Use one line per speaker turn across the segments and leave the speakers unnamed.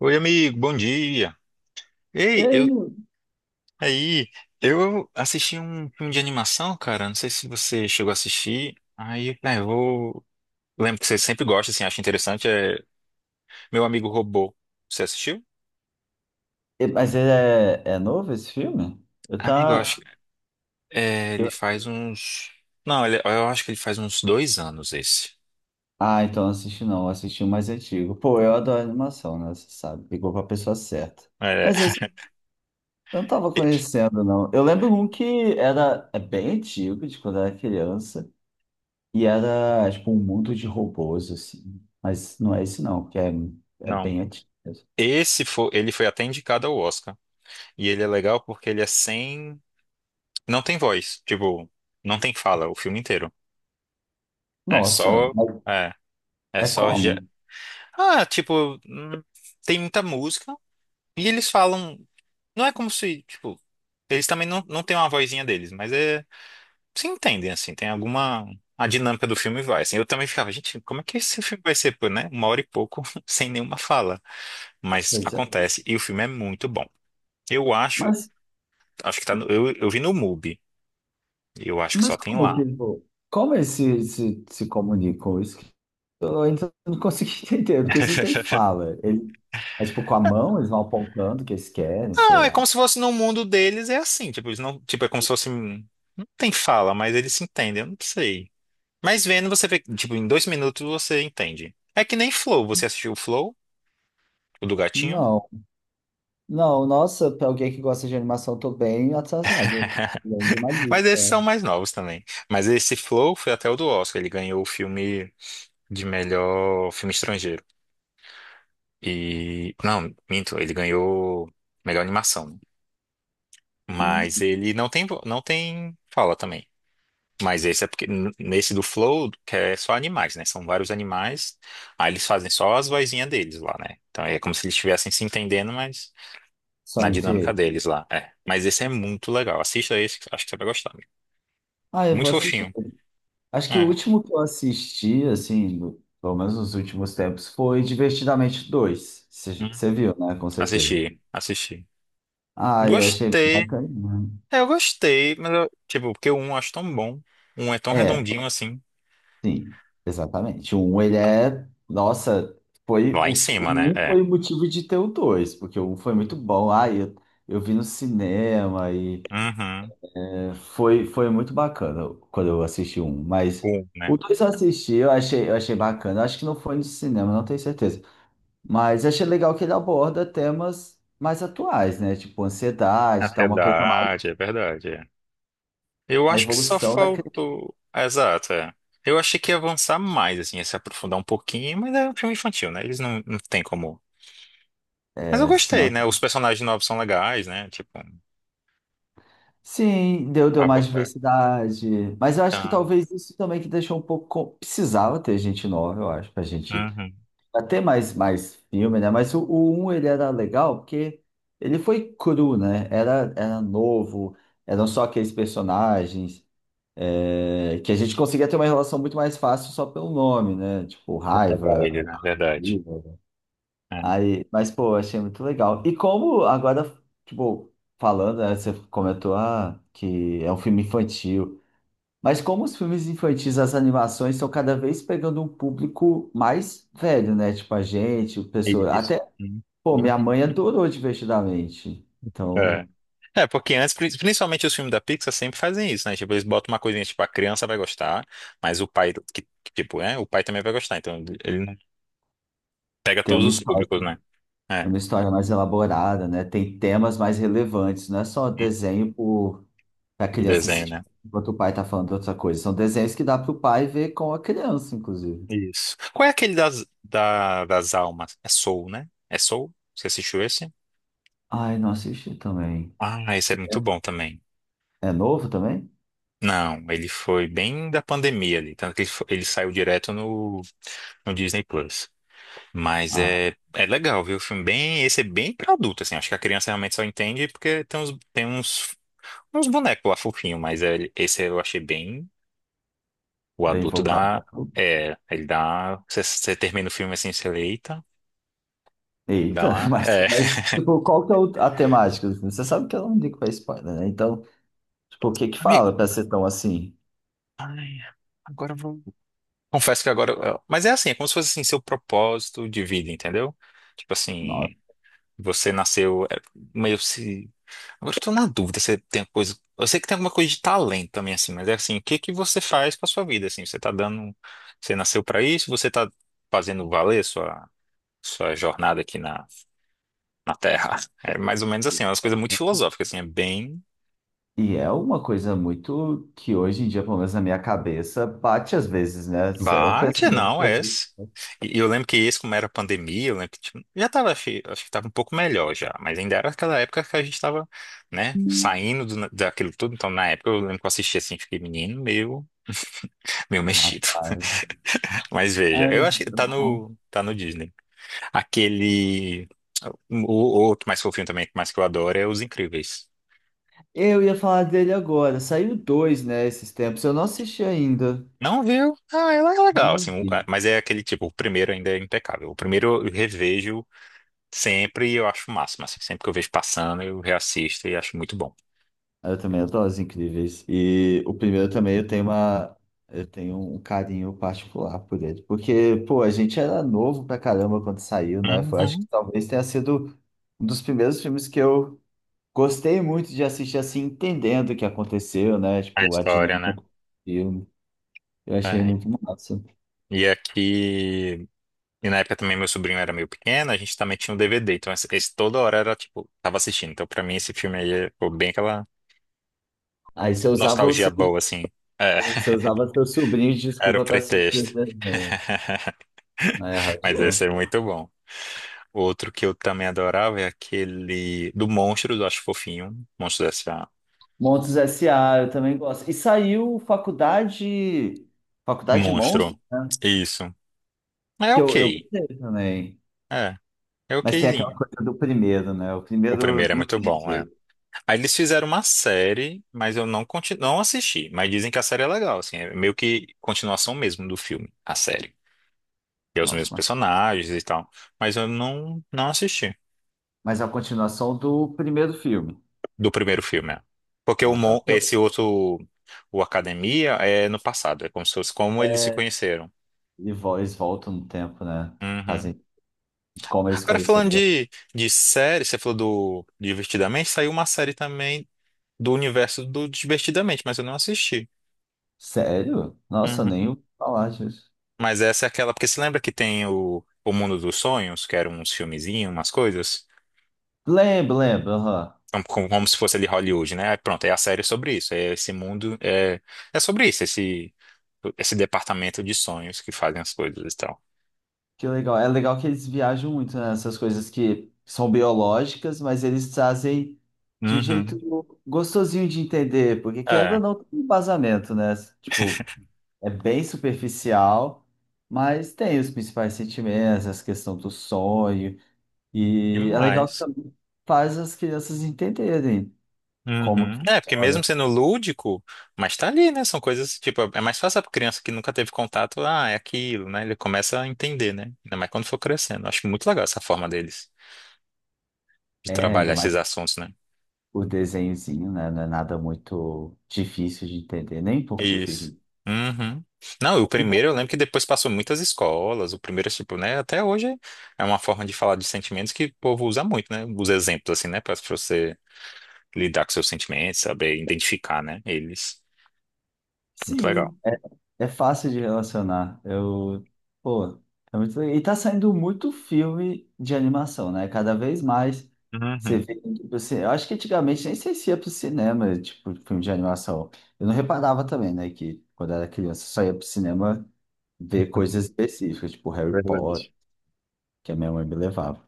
Oi, amigo, bom dia.
E
Ei,
aí,
aí, eu assisti um filme de animação, cara. Não sei se você chegou a assistir. Aí, ah, eu vou. Lembro que você sempre gosta, assim, acha interessante. É Meu Amigo Robô. Você assistiu?
mas ele é novo esse filme? Eu
Amigo, eu
tá.
acho. É, ele faz uns. Não, eu acho que ele faz uns dois anos esse.
Ah, então não assisti não, eu assisti o mais antigo. Pô, eu adoro animação, né? Você sabe, pegou pra pessoa certa.
É,
Mas esse eu não tava
e-
conhecendo, não. Eu lembro um que era é bem antigo, de quando eu era criança, e era tipo um mundo de robôs, assim. Mas não é esse não, que é, é
não.
bem antigo mesmo.
Esse foi, ele foi até indicado ao Oscar. E ele é legal porque ele é sem. Não tem voz. Tipo, não tem fala o filme inteiro. É
Nossa,
só.
mas
é, É
é
só.
como?
ge- Ah, tipo, tem muita música. E eles falam. Não é como se, tipo. Eles também não têm uma vozinha deles, mas é. Se entendem, assim. Tem alguma. A dinâmica do filme vai, assim. Eu também ficava, gente, como é que esse filme vai ser, pô, né? Uma hora e pouco, sem nenhuma fala. Mas
Pois é.
acontece. E o filme é muito bom. Eu acho.
Mas,
Acho que tá no. Eu vi no MUBI. Eu acho que só
mas
tem
como
lá.
que, pô, como eles se comunicam? Isso eu ainda não consegui entender, porque isso não tem fala. Ele, é tipo com a mão, eles vão apontando o que eles querem, sei
Ah, é
lá.
como se fosse no mundo deles, é assim. Tipo, eles não. Tipo, é como se fosse, não tem fala, mas eles se entendem. Eu não sei. Mas vendo, você vê, tipo, em dois minutos você entende. É que nem Flow. Você assistiu o Flow, o do gatinho?
Não, não, nossa, pra alguém que gosta de animação, eu tô bem atrasado. Eu tô precisando de uma
Mas
lista,
esses
ó.
são mais novos também. Mas esse Flow foi até o do Oscar, ele ganhou o filme de melhor filme estrangeiro. E, não, minto, ele ganhou melhor animação.
Hum.
Mas ele não tem, não tem fala também. Mas esse é porque, nesse do Flow, que é só animais, né? São vários animais, aí eles fazem só as vozinhas deles lá, né? Então é como se eles estivessem se entendendo, mas na
Só entre
dinâmica
ele.
deles lá. É. Mas esse é muito legal. Assista esse, que acho que você vai gostar, amigo.
Ah, eu
Muito
vou
Vou
assistir.
fofinho.
Acho que o
É.
último que eu assisti, assim, pelo menos nos últimos tempos, foi Divertidamente dois.
Hum.
Você viu, né? Com certeza.
Assisti, assisti.
Ah, eu achei bem
Gostei.
bacana, né?
É, eu gostei, mas eu, tipo, porque o um eu acho tão bom. Um é tão
É,
redondinho assim.
sim, exatamente. O um, ele é. Nossa, foi
Lá em cima, né?
o um
É.
foi o motivo de ter o dois, porque o um foi muito bom. Eu vi no cinema e
Uhum.
é, foi, foi muito bacana quando eu assisti o um. Mas
Um, né?
o dois eu assisti, eu achei bacana. Acho que não foi no cinema, não tenho certeza. Mas achei legal que ele aborda temas mais atuais, né? Tipo
É
ansiedade, tá? Uma coisa mais
verdade, é verdade, é. Eu
na
acho que só
evolução da
faltou. Exato, é. Eu achei que ia avançar mais, assim, ia se aprofundar um pouquinho, mas é um filme infantil, né? Eles não têm como Mas eu gostei,
criança.
né? Os personagens novos são legais, né? Tipo.
Sim, deu mais
Abordar.
diversidade. Mas eu acho que
Tá.
talvez isso também que deixou um pouco. Precisava ter gente nova, eu acho,
Uhum.
pra ter mais, mais filme, né? Mas o um ele era legal porque ele foi cru, né? Era novo, eram só aqueles personagens é, que a gente conseguia ter uma relação muito mais fácil só pelo nome, né? Tipo,
Pra pegar
raiva.
ele, né? Verdade. É.
Aí, mas, pô, achei muito legal. E como agora, tipo, falando, né, você comentou, ah, que é um filme infantil. Mas como os filmes infantis, as animações estão cada vez pegando um público mais velho, né? Tipo, a gente, o pessoal.
Isso.
Até,
Uhum.
pô, minha
Uhum.
mãe adorou Divertidamente. Então,
É. É, porque antes, principalmente os filmes da Pixar sempre fazem isso, né? Tipo, eles botam uma coisinha, tipo, a criança vai gostar, mas o pai, tipo, é, o pai também vai gostar, então ele não pega
tem
todos os públicos, né? É,
uma história mais elaborada, né? Tem temas mais relevantes, não é só desenho por, pra
o
criança
desenho,
se.
né?
Enquanto o pai tá falando outra coisa. São desenhos que dá pro pai ver com a criança, inclusive.
Isso. Qual é aquele das, da, das almas? É Soul, né? É Soul? Você assistiu esse?
Ai, não assisti também.
Ah, esse é
So-
muito bom também.
É novo também?
Não, ele foi bem da pandemia ali, tanto que ele, ele saiu direto no, no Disney Plus. Mas
Ah,
é, é legal, viu? O filme bem, esse é bem pra adulto, assim. Acho que a criança realmente só entende porque uns bonecos lá fofinhos, mas esse eu achei bem. O
bem
adulto
voltado.
dá. É, ele dá. Você termina o filme assim, você lê, eita, dá
Eita,
uma. É.
mas tipo, qual que é a temática do filme? Você sabe que eu não ligo pra spoiler, né? Então, tipo, o que que
Amigo,
fala pra ser tão assim?
ai, agora eu vou. Confesso que agora. Mas é assim, é como se fosse assim, seu propósito de vida, entendeu? Tipo assim.
Nossa.
Você nasceu é, meio se. Agora eu tô na dúvida se tem coisa. Eu sei que tem alguma coisa de talento também, assim, mas é assim, o que que você faz com a sua vida, assim? Você tá dando. Você nasceu pra isso? Você tá fazendo valer sua, sua jornada aqui na, na Terra? É mais ou menos assim, é umas coisas muito filosóficas, assim, é bem.
E é uma coisa muito que hoje em dia, pelo menos na minha cabeça, bate às vezes, né? Isso é um
Bate,
pensamento
não,
que a
é
gente...
esse. E eu lembro que esse, como era pandemia, eu lembro que tipo, já tava, acho, acho que tava um pouco melhor já, mas ainda era aquela época que a gente tava, né, saindo daquilo tudo, então na época eu lembro que eu assisti assim, fiquei menino, meio, meio mexido.
Rapaz,
Mas veja,
ai,
eu
mas
acho que
tá
tá
bom.
no, tá no Disney. Aquele, o outro mais fofinho também, mais que eu adoro, é Os Incríveis.
Eu ia falar dele agora. Saiu dois, né, esses tempos. Eu não assisti ainda.
Não viu? Ah, ela é legal,
Não
assim,
vi.
mas é aquele tipo, o primeiro ainda é impecável. O primeiro eu revejo sempre. Eu acho o máximo, assim. Sempre que eu vejo passando, eu reassisto e acho muito bom.
Eu também adoro Os Incríveis. E o primeiro também eu tenho uma. Eu tenho um carinho particular por ele. Porque, pô, a gente era novo pra caramba quando saiu, né? Foi, acho que
Uhum.
talvez tenha sido um dos primeiros filmes que eu gostei muito de assistir, assim, entendendo o que aconteceu, né?
A
Tipo, a
história,
dinâmica
né?
do filme. Eu achei
É.
muito massa.
E aqui. E na época também meu sobrinho era meio pequeno, a gente também tinha um DVD. Então esse toda hora era tipo, tava assistindo. Então pra mim esse filme aí ficou bem aquela
Aí você usava o
nostalgia
seu,
boa, assim. É,
você usava seu sobrinho de
era o
desculpa pra assistir o
pretexto.
desenho. Aí
Mas esse
arrasou.
é muito bom. Outro que eu também adorava é aquele do Monstro, eu acho fofinho. Monstro dessa.
Monstros S A eu também gosto. E saiu Faculdade, Faculdade Monstros,
Monstro.
né?
Isso. É
Que eu
ok.
gostei também.
É. É
Mas tem aquela
okzinho.
coisa do primeiro, né? O
O
primeiro
primeiro é
não
muito
tem
bom, é.
jeito.
Aí eles fizeram uma série, mas eu não, não assisti. Mas dizem que a série é legal, assim. É meio que continuação mesmo do filme, a série. E é os
Nossa,
mesmos personagens e tal. Mas eu não assisti
mas é a continuação do primeiro filme.
do primeiro filme, é. Porque o,
Ah, tá.
esse outro, o Academia, é no passado. É como se fosse como eles se
É,
conheceram.
e eles voltam no tempo, né?
Uhum.
Fazem os como eles
Agora,
conheceram.
falando de série, você falou do Divertidamente, saiu uma série também do universo do Divertidamente, mas eu não assisti.
Sério? Nossa, eu
Uhum.
nem ouvi falar disso.
Mas essa é aquela, porque você lembra que tem o Mundo dos Sonhos, que eram uns filmezinhos, umas coisas?
Lembro, lembro, aham.
Então, como, como se fosse ali Hollywood, né? Aí pronto, é a série sobre isso. É esse mundo, é, é sobre isso, esse departamento de sonhos que fazem as coisas e tal.
Que legal. É legal que eles viajam muito nessas coisas que são biológicas, mas eles trazem de um
Uhum.
jeito gostosinho de entender, porque querendo
É,
ou não, tem um embasamento, né? Tipo, é bem superficial, mas tem os principais sentimentos, essa questão do sonho, e é legal que
demais.
também faz as crianças entenderem como
Uhum.
que
É, porque mesmo
funciona.
sendo lúdico, mas tá ali, né? São coisas, tipo, é mais fácil pra criança que nunca teve contato, ah, é aquilo, né? Ele começa a entender, né? Ainda mais quando for crescendo. Acho muito legal essa forma deles de
É, ainda
trabalhar
mais
esses assuntos, né?
o desenhozinho, né? Não é nada muito difícil de entender, nem um pouco
Isso.
difícil.
Uhum. Não, e o primeiro eu lembro que depois passou muitas escolas. O primeiro, tipo, né? Até hoje é uma forma de falar de sentimentos que o povo usa muito, né? Os exemplos, assim, né? Pra você lidar com seus sentimentos, saber identificar, né? Eles. Muito legal.
Sim. É, é fácil de relacionar. Eu, pô, é muito... legal. E tá saindo muito filme de animação, né? Cada vez mais você
Uhum.
vê eu acho que antigamente nem sei se ia pro cinema, tipo, filme de animação. Eu não reparava também, né? Que quando era criança só ia pro cinema ver coisas específicas, tipo Harry Potter,
Verdade.
que a minha mãe me levava.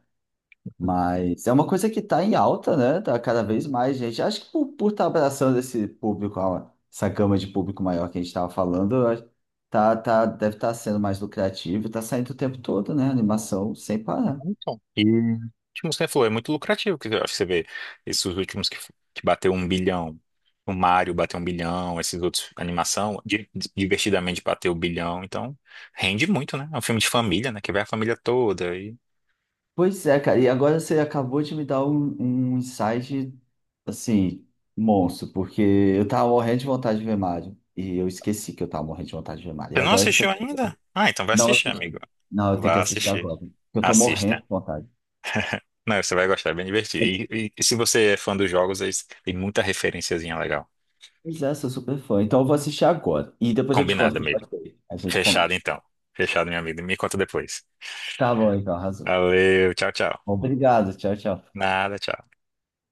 Mas é uma coisa que está em alta, né? Tá cada vez mais gente. Acho que por estar abraçando esse público, essa gama de público maior que a gente estava falando, tá, tá, deve estar sendo mais lucrativo, tá saindo o tempo todo, né? Animação sem parar.
Então, e tipo, como você falou, é muito lucrativo que você vê esses últimos que bateu um bilhão. O Mario bateu um bilhão, esses outros animação, divertidamente bateu o bilhão, então rende muito, né? É um filme de família, né? Que vai a família toda. E...
E agora você acabou de me dar um insight, assim, monstro, porque eu tava morrendo de vontade de ver Mario, e eu esqueci que eu tava morrendo de vontade de ver Mario,
Você
e
não
agora que você
assistiu
falou,
ainda? Ah, então vai
não
assistir, amigo.
assisti. Não, eu tenho que
Vá
assistir
assistir.
agora, porque eu tô morrendo
Assista.
de vontade.
Não, você vai gostar, é bem divertido. E se você é fã dos jogos, aí tem muita referenciazinha legal.
Pois é, sou super fã. Então eu vou assistir agora. E depois eu te conto
Combinada
o que eu
mesmo.
achei. A gente
Fechado
comenta.
então. Fechado, meu amigo. Me conta depois.
Tá bom, então, arrasou.
Valeu, tchau, tchau.
Obrigado, tchau, tchau.
Nada, tchau.